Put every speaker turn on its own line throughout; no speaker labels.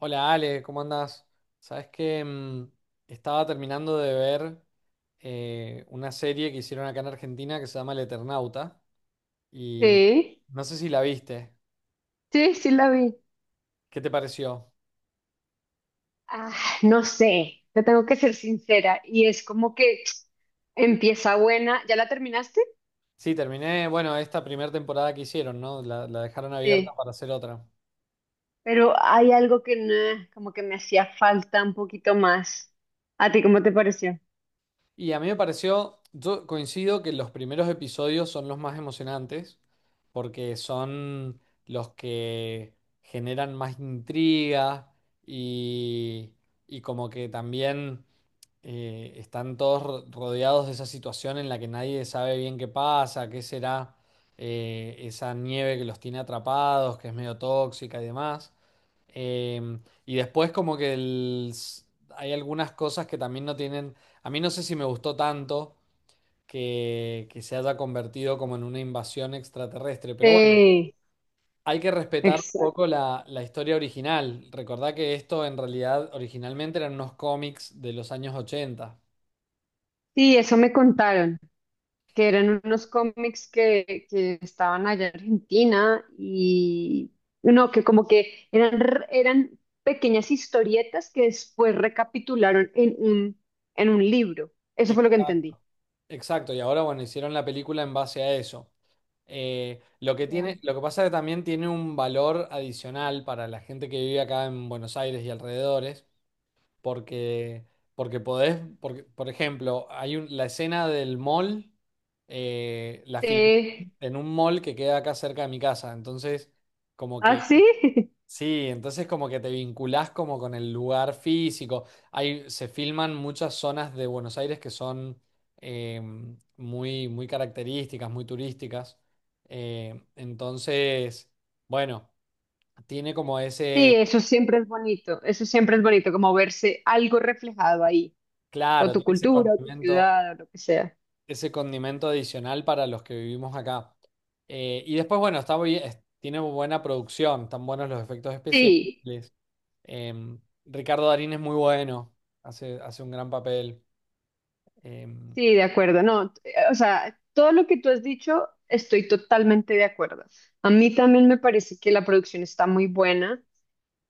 Hola Ale, ¿cómo andás? Sabes que estaba terminando de ver una serie que hicieron acá en Argentina que se llama El Eternauta y
Sí,
no sé si la viste.
sí, sí la vi.
¿Qué te pareció?
Ah, no sé, te tengo que ser sincera. Y es como que empieza buena. ¿Ya la terminaste?
Sí, terminé, bueno, esta primera temporada que hicieron, ¿no? La dejaron abierta
Sí.
para hacer otra.
Pero hay algo que no, como que me hacía falta un poquito más. ¿A ti cómo te pareció?
Y a mí me pareció, yo coincido que los primeros episodios son los más emocionantes, porque son los que generan más intriga y, y como que también están todos rodeados de esa situación en la que nadie sabe bien qué pasa, qué será, esa nieve que los tiene atrapados, que es medio tóxica y demás. Y después como que hay algunas cosas que también no tienen, a mí no sé si me gustó tanto que se haya convertido como en una invasión extraterrestre, pero bueno,
Sí,
hay que respetar un
exacto.
poco la historia original. Recordá que esto en realidad originalmente eran unos cómics de los años ochenta.
Sí, eso me contaron. Que eran unos cómics que estaban allá en Argentina y no, que como que eran, eran pequeñas historietas que después recapitularon en un libro. Eso fue lo que entendí.
Exacto. Exacto, y ahora bueno, hicieron la película en base a eso.
Ya.
Lo que pasa es que también tiene un valor adicional para la gente que vive acá en Buenos Aires y alrededores, porque, porque podés, porque, por ejemplo, la escena del mall, la filmé
Sí.
en un mall que queda acá cerca de mi casa, entonces como
¿Ah,
que...
sí?
Sí, entonces como que te vinculás como con el lugar físico. Hay, se filman muchas zonas de Buenos Aires que son eh, muy, muy características, muy turísticas. Entonces, bueno, tiene como
Sí,
ese,
eso siempre es bonito, eso siempre es bonito, como verse algo reflejado ahí, o
claro,
tu
tiene
cultura, o tu ciudad, o lo que sea.
ese condimento adicional para los que vivimos acá. Y después, bueno, tiene buena producción, están buenos los efectos especiales.
Sí.
Ricardo Darín es muy bueno, hace un gran papel. Em,
Sí, de acuerdo. No, o sea, todo lo que tú has dicho, estoy totalmente de acuerdo. A mí también me parece que la producción está muy buena,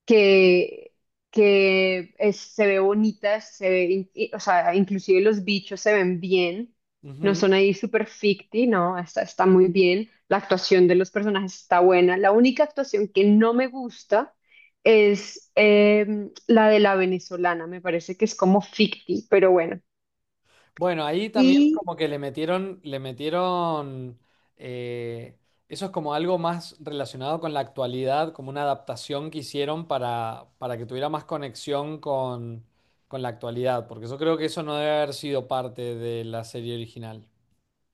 que, que se ve bonita, se ve, o sea, inclusive los bichos se ven bien, no
ujú.
son ahí súper ficti, no, está, está muy bien. La actuación de los personajes está buena. La única actuación que no me gusta es la de la venezolana, me parece que es como ficti, pero bueno.
Bueno, ahí también como que le metieron, eh, eso es como algo más relacionado con la actualidad, como una adaptación que hicieron para que tuviera más conexión con la actualidad, porque yo creo que eso no debe haber sido parte de la serie original.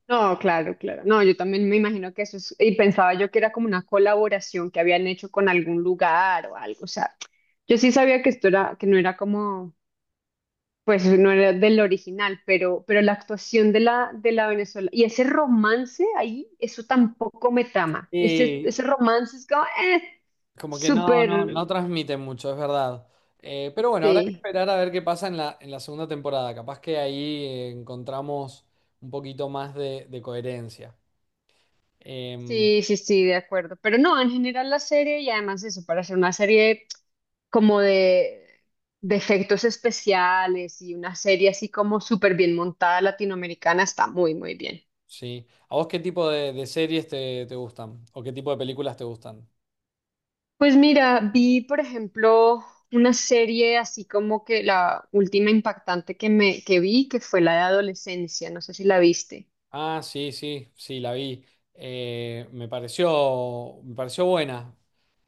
No, claro, claro. No, yo también me imagino que eso es, y pensaba yo que era como una colaboración que habían hecho con algún lugar o algo. O sea, yo sí sabía que esto era, que no era como, pues no era del original, pero la actuación de la Venezuela y ese romance ahí, eso tampoco me trama. Ese,
Y
ese romance es como,
como que no, no,
súper,
no transmite mucho, es verdad. Pero bueno, habrá que
sí.
esperar a ver qué pasa en la segunda temporada. Capaz que ahí encontramos un poquito más de coherencia. Em,
Sí, sí, sí, de acuerdo. Pero no, en general la serie y además eso, para hacer una serie como de efectos especiales y una serie así como súper bien montada latinoamericana está muy, muy bien.
sí. ¿A vos qué tipo de series te, te gustan? ¿O qué tipo de películas te gustan?
Pues mira, vi por ejemplo una serie así como que la última impactante que me que vi, que fue la de adolescencia, no sé si la viste.
Ah, sí, sí, sí, la vi. Me pareció buena.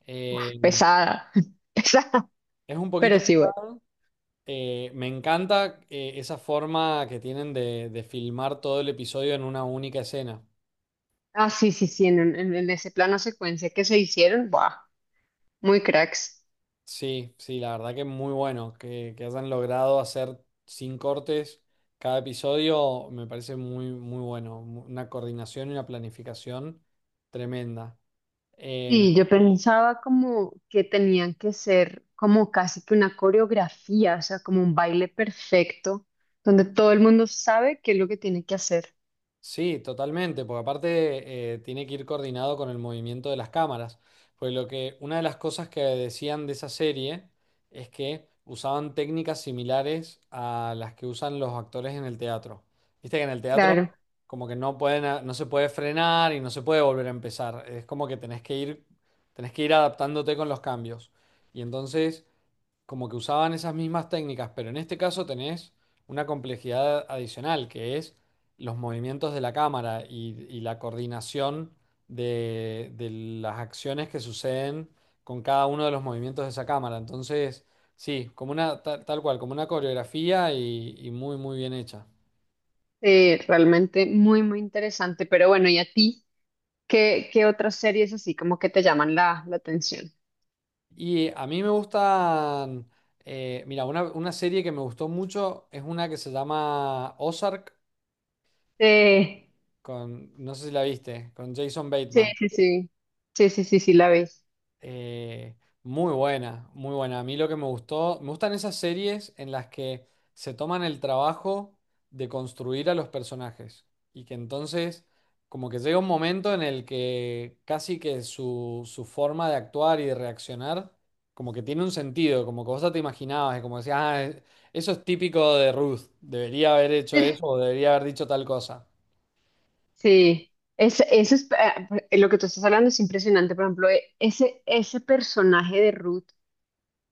Em,
Pesada, pesada,
es un
pero
poquito
sí, bueno.
pesada. Me encanta esa forma que tienen de filmar todo el episodio en una única escena.
Ah, sí, sí, sí, en ese plano secuencia que se hicieron, ¡buah! Muy cracks.
Sí, sí, la verdad que es muy bueno que hayan logrado hacer sin cortes cada episodio, me parece muy, muy bueno. Una coordinación y una planificación tremenda. Em,
Sí, yo pensaba como que tenían que ser como casi que una coreografía, o sea, como un baile perfecto, donde todo el mundo sabe qué es lo que tiene que hacer.
Sí, totalmente, porque aparte tiene que ir coordinado con el movimiento de las cámaras. Pues lo que, una de las cosas que decían de esa serie es que usaban técnicas similares a las que usan los actores en el teatro. Viste que en el
Claro,
teatro como que no pueden, no se puede frenar y no se puede volver a empezar. Es como que tenés que ir adaptándote con los cambios. Y entonces como que usaban esas mismas técnicas, pero en este caso tenés una complejidad adicional, que es los movimientos de la cámara y la coordinación de las acciones que suceden con cada uno de los movimientos de esa cámara. Entonces, sí, tal cual, como una coreografía y muy, muy bien hecha.
realmente muy, muy interesante. Pero bueno, ¿y a ti? ¿Qué otras series así como que te llaman la atención?
Y a mí me gustan, mira, una serie que me gustó mucho es una que se llama Ozark,
Sí,
con, no sé si la viste, con Jason
sí,
Bateman.
sí, sí, sí, sí, sí, sí, la ves.
Eh, muy buena, muy buena. A mí lo que me gustó, me gustan esas series en las que se toman el trabajo de construir a los personajes y que entonces como que llega un momento en el que casi que su forma de actuar y de reaccionar como que tiene un sentido, como que vos ya te imaginabas, y como decías, ah, eso es típico de Ruth, debería haber hecho eso o debería haber dicho tal cosa.
Sí, es, eso es, lo que tú estás hablando es impresionante. Por ejemplo, ese, ese personaje de Ruth.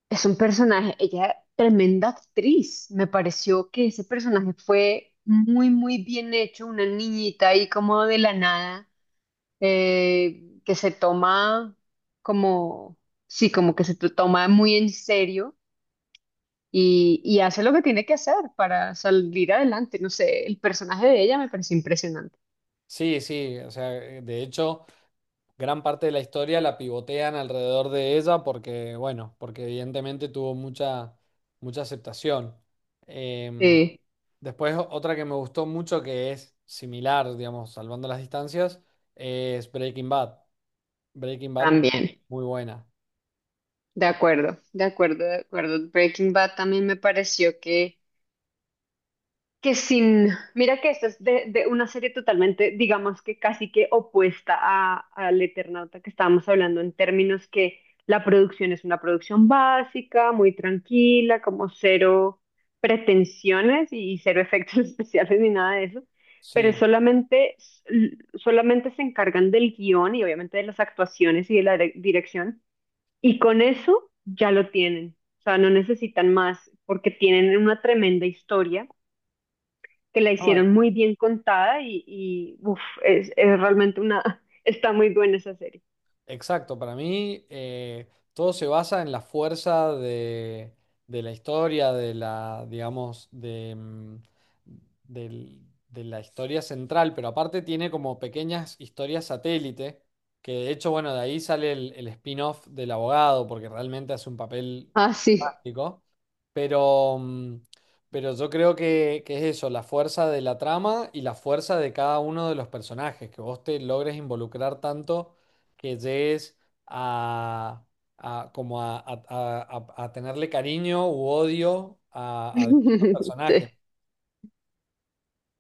Es un personaje, ella tremenda actriz. Me pareció que ese personaje fue muy, muy bien hecho, una niñita ahí como de la nada, que se toma como, sí, como que toma muy en serio y hace lo que tiene que hacer para salir adelante. No sé, el personaje de ella me pareció impresionante.
Sí, sí, o sea, de hecho, gran parte de la historia la pivotean alrededor de ella porque, bueno, porque evidentemente tuvo mucha, mucha aceptación. Em,
Sí,
después, otra que me gustó mucho que es similar, digamos, salvando las distancias, es Breaking Bad. Breaking Bad,
también.
muy buena.
De acuerdo, de acuerdo, de acuerdo. Breaking Bad también me pareció que sin, mira que esto es de una serie totalmente, digamos que casi que opuesta a, al Eternauta que estábamos hablando en términos que la producción es una producción básica, muy tranquila, como cero pretensiones y cero efectos especiales ni nada de eso, pero
Sí.
solamente, solamente se encargan del guión y obviamente de las actuaciones y de la dirección y con eso ya lo tienen, o sea, no necesitan más porque tienen una tremenda historia que la
No,
hicieron muy bien contada y uf, es realmente una, está muy buena esa serie.
exacto, para mí todo se basa en la fuerza de la historia, de la, digamos, de, del- de la historia central, pero aparte tiene como pequeñas historias satélite, que de hecho, bueno, de ahí sale el spin-off del abogado, porque realmente hace un papel
Ah, sí.
fantástico, pero, pero yo creo que es eso, la fuerza de la trama y la fuerza de cada uno de los personajes, que vos te logres involucrar tanto que llegues a, a- como a tenerle cariño u odio a distintos
Sí,
personajes.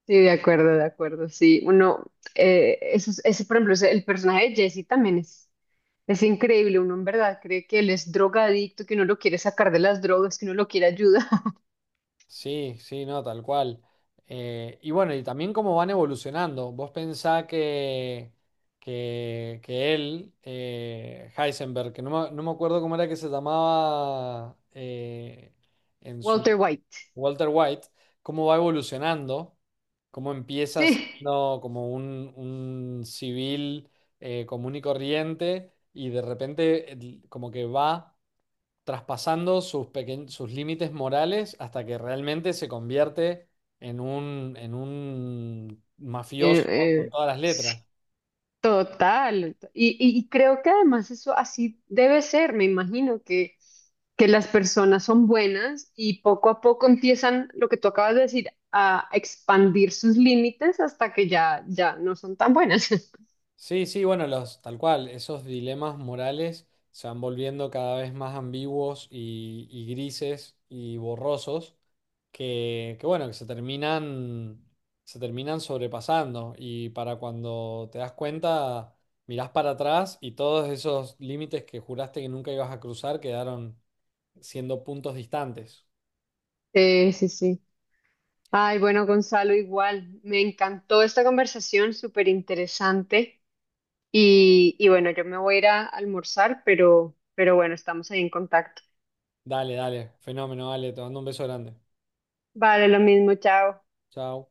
sí, de acuerdo, de acuerdo. Sí, uno, eso, ese, por ejemplo, el personaje de Jesse también es increíble. Uno en verdad cree que él es drogadicto, que uno lo quiere sacar de las drogas, que uno lo quiere ayudar.
Sí, sí, no, tal cual. Y bueno, y también cómo van evolucionando. Vos pensá que él, Heisenberg, que no me, no me acuerdo cómo era que se llamaba en su...
Walter White.
Walter White, cómo va evolucionando, cómo empieza
Sí.
siendo como un civil común y corriente y de repente como que va traspasando sus, sus límites morales hasta que realmente se convierte en un
Eh,
mafioso con
eh,
todas las letras.
Total. Y creo que además eso así debe ser. Me imagino que las personas son buenas y poco a poco empiezan, lo que tú acabas de decir, a expandir sus límites hasta que ya, ya no son tan buenas.
Sí, sí, bueno, los, tal cual, esos dilemas morales se van volviendo cada vez más ambiguos y grises y borrosos que, bueno, que se terminan sobrepasando y para cuando te das cuenta, mirás para atrás y todos esos límites que juraste que nunca ibas a cruzar quedaron siendo puntos distantes.
Sí, sí, sí. Ay, bueno, Gonzalo, igual. Me encantó esta conversación, súper interesante. Y bueno, yo me voy a ir a almorzar, pero bueno, estamos ahí en contacto.
Dale, dale, fenómeno, dale, te mando un beso grande.
Vale, lo mismo, chao.
Chao.